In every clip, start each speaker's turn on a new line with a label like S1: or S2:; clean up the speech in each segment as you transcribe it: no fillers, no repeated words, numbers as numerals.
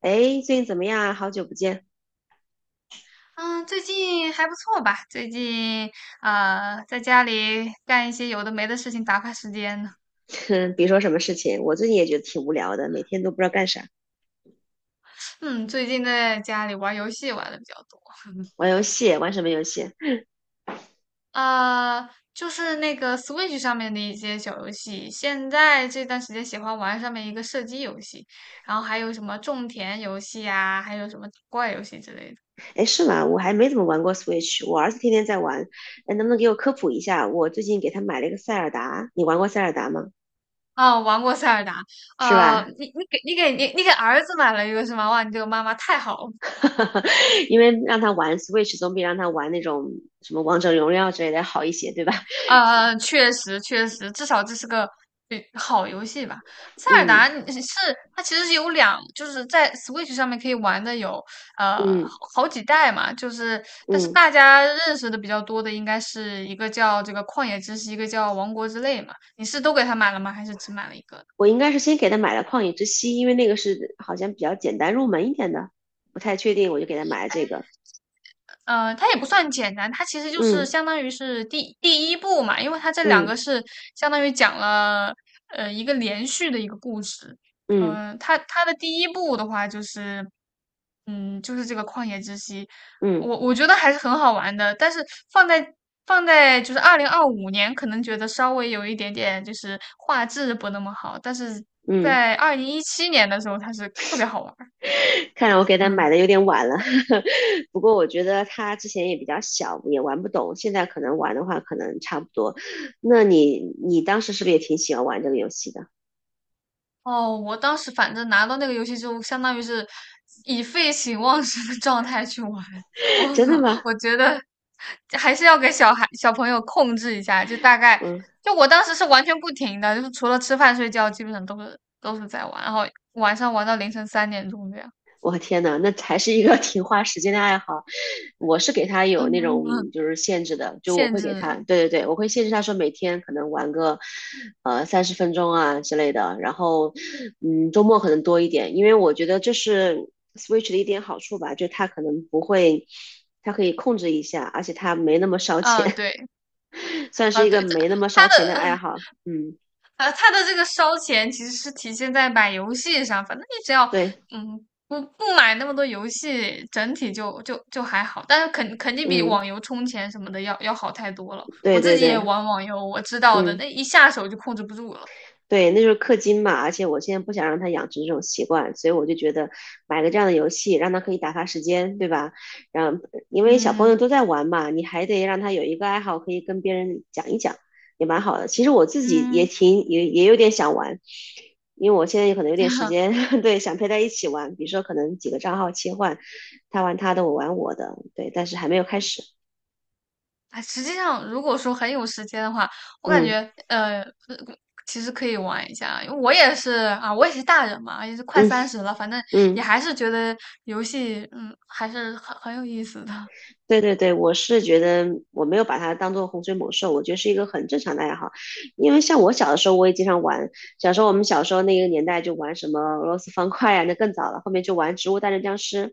S1: 哎，最近怎么样啊？好久不见。
S2: 嗯，最近还不错吧？最近在家里干一些有的没的事情打发时间呢。
S1: 哼，别说什么事情，我最近也觉得挺无聊的，每天都不知道干啥，
S2: 嗯，最近在家里玩游戏玩的比较多。
S1: 玩游戏，玩什么游戏？
S2: 就是那个 Switch 上面的一些小游戏。现在这段时间喜欢玩上面一个射击游戏，然后还有什么种田游戏啊，还有什么打怪游戏之类的。
S1: 哎，是吗？我还没怎么玩过 Switch，我儿子天天在玩。哎，能不能给我科普一下？我最近给他买了一个塞尔达，你玩过塞尔达吗？
S2: 哦，玩过塞尔达。
S1: 是吧？
S2: 你给儿子买了一个是吗？哇，你这个妈妈太好了。
S1: 因为让他玩 Switch 总比让他玩那种什么王者荣耀之类的好一些，对吧？
S2: 确实确实，至少这是个好游戏吧。塞尔
S1: 嗯
S2: 达你是它其实是就是在 Switch 上面可以玩的有呃
S1: 嗯
S2: 好几代嘛。就是但是
S1: 嗯，
S2: 大家认识的比较多的应该是一个叫这个旷野之息，一个叫王国之泪嘛。你是都给它买了吗？还是只买了一个？
S1: 我应该是先给他买了旷野之息，因为那个是好像比较简单入门一点的。不太确定，我就给他买了这个。
S2: 它也不算简单，它其实就是
S1: 嗯
S2: 相当于是第一部嘛，因为它这两
S1: 嗯
S2: 个是相当于讲了一个连续的一个故事。
S1: 嗯
S2: 它的第一部的话就是，就是这个旷野之息。
S1: 嗯
S2: 我觉得还是很好玩的，但是放在放在就是2025年，可能觉得稍微有一点点就是画质不那么好，但是
S1: 嗯，
S2: 在2017年的时候，它是特别好玩儿。
S1: 看来我给他买
S2: 嗯。
S1: 的有点晚了，不过我觉得他之前也比较小，也玩不懂，现在可能玩的话，可能差不多。那你当时是不是也挺喜欢玩这个游戏的？
S2: 哦，我当时反正拿到那个游戏之后，相当于是以废寝忘食的状态去玩。我
S1: 真的吗？
S2: 我觉得还是要给小孩小朋友控制一下，就大概
S1: 嗯。
S2: 就我当时是完全不停的，就是除了吃饭睡觉，基本上都是在玩，然后晚上玩到凌晨3点钟这样。
S1: 我天呐，那还是一个 挺花时间的爱好。我是给他有那 种就是限制的，就我
S2: 限
S1: 会给他，
S2: 制。
S1: 对对对，我会限制他说每天可能玩个30分钟啊之类的，然后嗯周末可能多一点，因为我觉得这是 Switch 的一点好处吧，就他可能不会，他可以控制一下，而且他没那么烧
S2: 嗯，
S1: 钱，
S2: 对。
S1: 算是
S2: 啊，
S1: 一个
S2: 对，
S1: 没那么烧
S2: 他
S1: 钱的爱
S2: 的
S1: 好。嗯，
S2: 它的这个烧钱其实是体现在买游戏上，反正你只要
S1: 对，
S2: 不买那么多游戏，整体就还好，但是肯定比
S1: 嗯，
S2: 网游充钱什么的要好太多了。我
S1: 对
S2: 自
S1: 对
S2: 己也
S1: 对，
S2: 玩网游，我知道的，
S1: 嗯。
S2: 那一下手就控制不住了。
S1: 对，那就是氪金嘛，而且我现在不想让他养成这种习惯，所以我就觉得买个这样的游戏，让他可以打发时间，对吧？然后，因为小朋友
S2: 嗯
S1: 都在玩嘛，你还得让他有一个爱好，可以跟别人讲一讲，也蛮好的。其实我自己也
S2: 嗯。
S1: 挺也也有点想玩，因为我现在可能有点时 间，对，想陪他一起玩，比如说可能几个账号切换，他玩他的，我玩我的，对，但是还没有开始。
S2: 哎，实际上，如果说很有时间的话，我感
S1: 嗯
S2: 觉呃，呃其实可以玩一下。因为我也是大人嘛，也是快
S1: 嗯
S2: 30了，反正也
S1: 嗯。
S2: 还是觉得游戏，还是很有意思的。
S1: 对对对，我是觉得我没有把它当做洪水猛兽，我觉得是一个很正常的爱好。因为像我小的时候，我也经常玩。小时候我们小时候那个年代就玩什么俄罗斯方块啊，那更早了。后面就玩《植物大战僵尸》，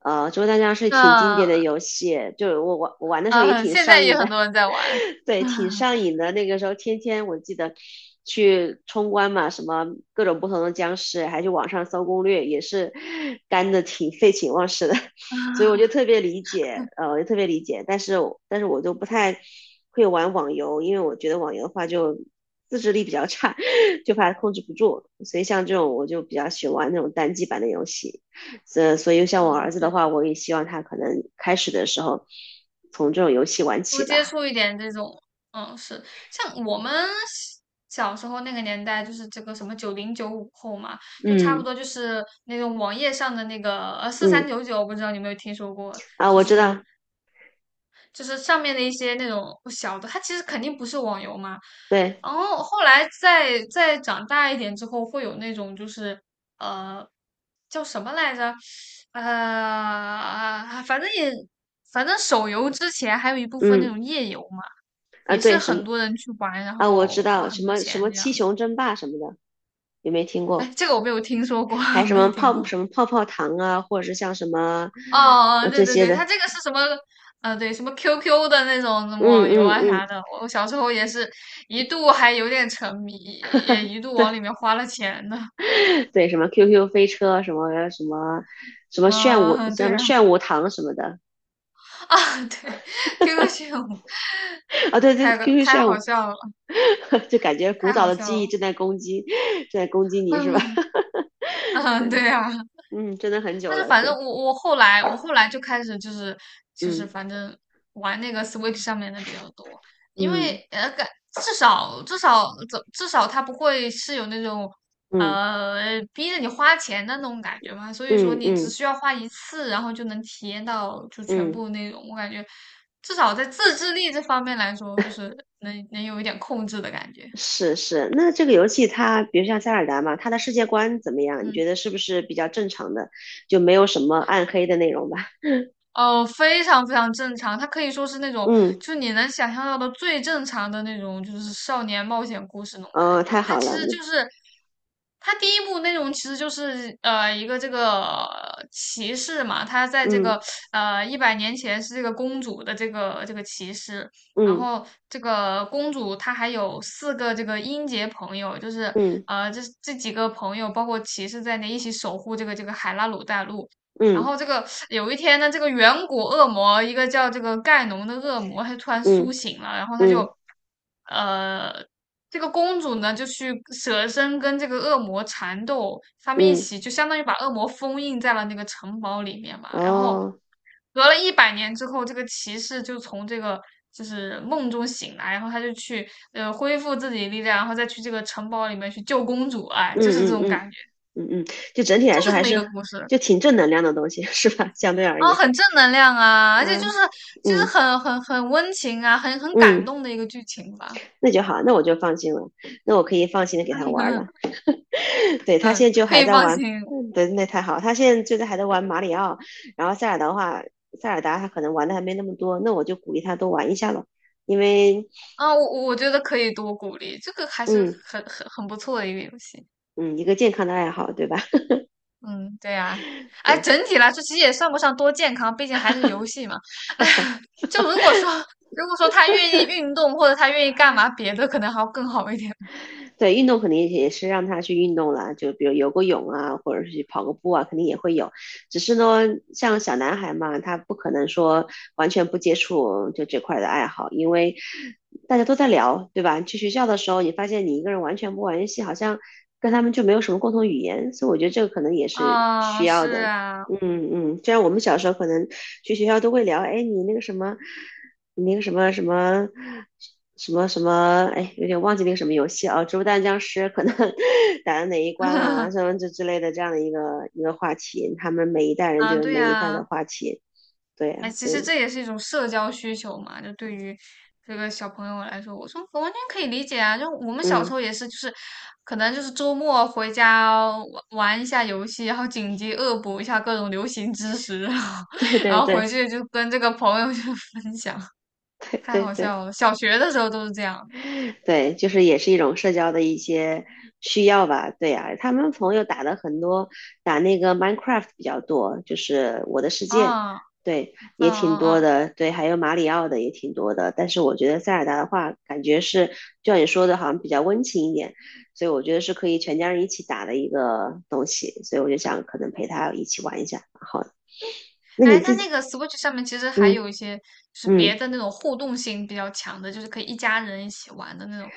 S1: 植物大战僵尸》挺经典的
S2: 嗯
S1: 游戏，就我玩的时候也
S2: 嗯，
S1: 挺
S2: 现在
S1: 上瘾
S2: 也
S1: 的，
S2: 很多人在玩。
S1: 对，挺上 瘾的。那个时候天天我记得去冲关嘛，什么各种不同的僵尸，还去网上搜攻略，也是干的挺废寝忘食的。所以我就
S2: 嗯，
S1: 特别理解，我就特别理解，但是我就不太会玩网游，因为我觉得网游的话就自制力比较差，就怕控制不住，所以像这种我就比较喜欢玩那种单机版的游戏，所以像我儿子的
S2: 对。
S1: 话，我也希望他可能开始的时候从这种游戏玩
S2: 多
S1: 起
S2: 接
S1: 吧，
S2: 触一点这种，是像我们小时候那个年代，就是这个什么九零九五后嘛，就差不
S1: 嗯
S2: 多就是那种网页上的那个四三
S1: 嗯
S2: 九九，四三九九不知道你有没有听说过？
S1: 啊，
S2: 就
S1: 我知
S2: 是
S1: 道，
S2: 就是上面的一些那种小的，它其实肯定不是网游嘛。
S1: 对，
S2: 然后后来再长大一点之后，会有那种就是呃叫什么来着？呃，反正也反正手游之前还有一部分那
S1: 嗯
S2: 种页游嘛，
S1: 啊
S2: 也是
S1: 对什么
S2: 很多人去玩，然
S1: 啊我知
S2: 后花
S1: 道
S2: 很
S1: 什
S2: 多
S1: 么什
S2: 钱
S1: 么
S2: 这样
S1: 七
S2: 子。
S1: 雄争霸什么的，有没有听
S2: 哎，
S1: 过？
S2: 这个我没有听说过。
S1: 还 什
S2: 没有
S1: 么
S2: 听
S1: 泡
S2: 过。
S1: 什么泡泡糖啊，或者是像什么
S2: 哦哦，对
S1: 这
S2: 对
S1: 些
S2: 对，它
S1: 的，
S2: 这个是什么？对，什么 QQ 的那种什么
S1: 嗯
S2: 网游
S1: 嗯
S2: 啊
S1: 嗯，
S2: 啥的，我小时候也是一度还有点沉迷，也一度往
S1: 对
S2: 里面花了钱呢。
S1: 对，什么 QQ 飞车，什么什么什么炫舞，
S2: 嗯，
S1: 什
S2: 对
S1: 么
S2: 啊。
S1: 炫舞糖什么的，
S2: 啊，对，QQ 炫舞
S1: 啊对对，QQ
S2: 太
S1: 炫
S2: 好
S1: 舞，
S2: 笑了，
S1: 就感觉古
S2: 太
S1: 早
S2: 好
S1: 的
S2: 笑
S1: 记忆
S2: 了。
S1: 正在攻击，正在攻击 你是吧？
S2: 嗯 嗯，
S1: 对，
S2: 对啊。
S1: 嗯，真的很久
S2: 但是
S1: 了，
S2: 反正
S1: 对，
S2: 我后来就开始就是反正玩那个 Switch 上面的比较多，因为
S1: 嗯
S2: 呃感至少至少怎至少它不会是有那种
S1: 嗯
S2: 逼着你花钱的那种感觉嘛。所以说
S1: 嗯嗯
S2: 你
S1: 嗯
S2: 只
S1: 嗯。
S2: 需要花一次，然后就能体验到就全
S1: 嗯
S2: 部那种，我感觉至少在自制力这方面来说，就是能有一点控制的感觉。
S1: 是是，那这个游戏它，比如像塞尔达嘛，它的世界观怎么样？你
S2: 嗯。
S1: 觉得是不是比较正常的，就没有什么暗黑的内容吧？
S2: 哦，非常非常正常，它可以说是那 种，
S1: 嗯，
S2: 就是你能想象到的最正常的那种，就是少年冒险故事那种感
S1: 哦，
S2: 觉。
S1: 太
S2: 它
S1: 好
S2: 其
S1: 了，
S2: 实就是，它第一部内容其实就是一个这个骑士嘛，他在这
S1: 嗯
S2: 个100年前是这个公主的这个骑士，然
S1: 嗯
S2: 后这个公主她还有4个这个英杰朋友，就是
S1: 嗯
S2: 这几个朋友包括骑士在内一起守护这个海拉鲁大陆。然
S1: 嗯
S2: 后这个有一天呢，这个远古恶魔，一个叫这个盖农的恶魔，他就突然苏
S1: 嗯
S2: 醒了，然后
S1: 嗯
S2: 呃，这个公主呢就去舍身跟这个恶魔缠斗，他们一
S1: 嗯，
S2: 起就相当于把恶魔封印在了那个城堡里面嘛。然后
S1: 哦，
S2: 隔了一百年之后，这个骑士就从梦中醒来，然后他就去恢复自己的力量，然后再去这个城堡里面去救公主，哎，就是这
S1: 嗯嗯
S2: 种感
S1: 嗯
S2: 觉，
S1: 嗯嗯，就整体来
S2: 就
S1: 说
S2: 是这
S1: 还
S2: 么一
S1: 是
S2: 个故事。
S1: 就挺正能量的东西，是吧？相对而
S2: 啊，
S1: 言，
S2: 很正能量啊，而且就是
S1: 嗯
S2: 就
S1: 嗯
S2: 是很温情啊，很感
S1: 嗯，
S2: 动的一个剧情吧。
S1: 那就好，那我就放心了，那我可以放心的给他 玩
S2: 嗯
S1: 了。对他现
S2: 嗯，
S1: 在就
S2: 可
S1: 还
S2: 以
S1: 在
S2: 放
S1: 玩
S2: 心
S1: 对，那太好，他现在就在还在玩马里奥，然后塞尔达的话，塞尔达他可能玩的还没那么多，那我就鼓励他多玩一下了，因为
S2: 啊，我觉得可以多鼓励，这个还是
S1: 嗯
S2: 很不错的一个游戏。
S1: 嗯，一个健康的爱好，对吧？
S2: 嗯，对呀、哎，
S1: 对，
S2: 整体来说其实也算不上多健康，毕竟还是游戏嘛。就如果说他愿意运动或者他愿意干嘛别的，可能还要更好一点。
S1: 对，运动肯定也是让他去运动啦，就比如游个泳啊，或者是去跑个步啊，肯定也会有。只是呢，像小男孩嘛，他不可能说完全不接触就这块的爱好，因为大家都在聊，对吧？去学校的时候，你发现你一个人完全不玩游戏，好像跟他们就没有什么共同语言，所以我觉得这个可能也是需
S2: 啊，
S1: 要
S2: 是
S1: 的。
S2: 啊，
S1: 嗯嗯，就像我们小时候可能去学校都会聊，哎，你那个什么，那个什么什么什么什么，哎，有点忘记那个什么游戏啊，植物大战僵尸可能 打到哪一关啦，什么这之类的这样的一个话题，他们每一代人就
S2: 啊，
S1: 有
S2: 对
S1: 每一代的
S2: 呀、
S1: 话题，对
S2: 哎，
S1: 呀、
S2: 其
S1: 所
S2: 实
S1: 以，
S2: 这也是一种社交需求嘛，就对于这个小朋友来说，我说我完全可以理解啊。就我们小
S1: 嗯，
S2: 时候也是，就是可能就是周末回家玩玩一下游戏，然后紧急恶补一下各种流行知识，然后
S1: 对
S2: 然
S1: 对
S2: 后回
S1: 对
S2: 去就跟这个朋友就分享。
S1: 对
S2: 太
S1: 对
S2: 好
S1: 对。
S2: 笑了。小学的时候都是这样的
S1: 对，就是也是一种社交的一些需要吧。对呀、他们朋友打的很多，打那个 Minecraft 比较多，就是我的世界，
S2: 啊。
S1: 对，
S2: 嗯
S1: 也挺
S2: 嗯
S1: 多
S2: 嗯。
S1: 的。对，还有马里奥的也挺多的。但是我觉得塞尔达的话，感觉是就像你说的，好像比较温情一点，所以我觉得是可以全家人一起打的一个东西。所以我就想，可能陪他一起玩一下。好，那你
S2: 哎，它
S1: 自己，
S2: 那个 Switch 上面其实还
S1: 嗯
S2: 有一些就是别
S1: 嗯，
S2: 的那种互动性比较强的，就是可以一家人一起玩的那种。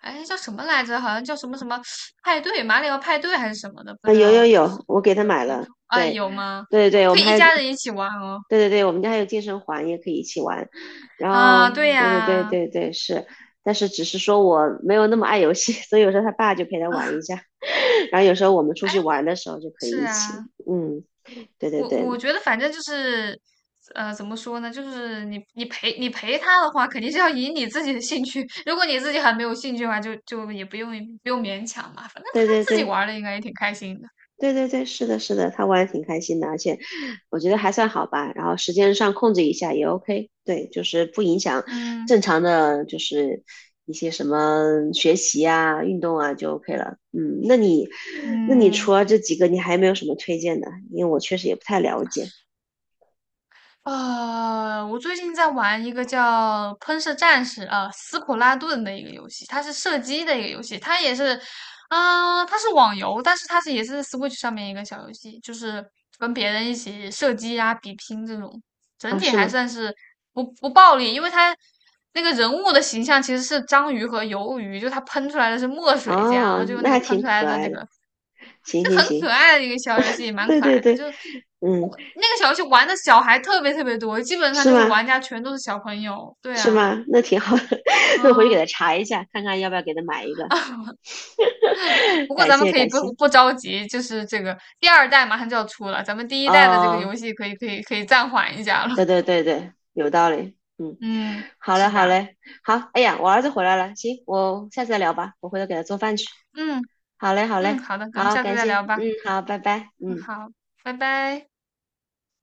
S2: 哎，叫什么来着？好像叫什么什么派对，马里奥派对还是什么的，不
S1: 啊，
S2: 知
S1: 有
S2: 道，
S1: 有
S2: 就是
S1: 有，我给
S2: 有
S1: 他
S2: 没有
S1: 买
S2: 听
S1: 了。
S2: 说？啊，
S1: 对。
S2: 有吗？
S1: 对对，我
S2: 可
S1: 们
S2: 以一
S1: 还有
S2: 家人一起玩哦。
S1: 对对对，我们家还有健身环，也可以一起玩。然
S2: 啊，
S1: 后，
S2: 对
S1: 对对对
S2: 呀。
S1: 对对，是，但是只是说我没有那么爱游戏，所以有时候他爸就陪他
S2: 啊，
S1: 玩一下，然后有时候我们出
S2: 哎，
S1: 去玩的时候就可以
S2: 是
S1: 一起。
S2: 啊。
S1: 嗯，对对
S2: 我
S1: 对
S2: 觉得反正就是，怎么说呢？就是你陪他的话，肯定是要以你自己的兴趣。如果你自己还没有兴趣的话，就也不用勉强嘛。反正他
S1: 对对
S2: 自己
S1: 对，
S2: 玩的应该也挺开心的。
S1: 对对对，是的，是的，他玩的挺开心的，而且我觉得还算好吧。然后时间上控制一下也 OK，对，就是不影响
S2: 嗯
S1: 正常的，就是一些什么学习啊、运动啊就 OK 了。嗯，那你，那你
S2: 嗯。
S1: 除了这几个，你还有没有什么推荐的？因为我确实也不太了解
S2: 我最近在玩一个叫《喷射战士》斯普拉顿的一个游戏，它是射击的一个游戏，它也是，它是网游，但是也是 Switch 上面一个小游戏，就是跟别人一起射击啊、比拼这种，整
S1: 啊，
S2: 体
S1: 是
S2: 还
S1: 吗？
S2: 算是不暴力，因为它那个人物的形象其实是章鱼和鱿鱼，就它喷出来的是墨水这样，然
S1: 哦，
S2: 后就
S1: 那
S2: 那个
S1: 还
S2: 喷
S1: 挺
S2: 出来
S1: 可
S2: 的
S1: 爱
S2: 那
S1: 的。
S2: 个
S1: 行
S2: 就
S1: 行
S2: 很可
S1: 行，
S2: 爱的一个小游戏，蛮
S1: 对
S2: 可
S1: 对
S2: 爱的。
S1: 对，
S2: 就
S1: 嗯，
S2: 我那个小游戏玩的小孩特别特别多，基本上
S1: 是
S2: 就是
S1: 吗？
S2: 玩家全都是小朋友。对
S1: 是
S2: 啊。
S1: 吗？那挺好的，那我回去给他
S2: 嗯，
S1: 查一下，看看要不要给他买一个。
S2: 不 过
S1: 感
S2: 咱们
S1: 谢
S2: 可以
S1: 感
S2: 不
S1: 谢
S2: 不着急，就是这个第二代马上就要出了，咱们第一代的这个
S1: 哦，
S2: 游戏可以暂缓一下了。
S1: 对 对对对，有道理。嗯，
S2: 嗯，
S1: 好嘞
S2: 是
S1: 好
S2: 的。
S1: 嘞，好，哎呀，我儿子回来了，行，我下次再聊吧，我回头给他做饭去。
S2: 嗯
S1: 好嘞好
S2: 嗯，
S1: 嘞，
S2: 好的，咱们
S1: 好，
S2: 下次
S1: 感
S2: 再
S1: 谢，
S2: 聊吧。
S1: 嗯，好，拜拜，
S2: 嗯，
S1: 嗯。
S2: 好，拜拜。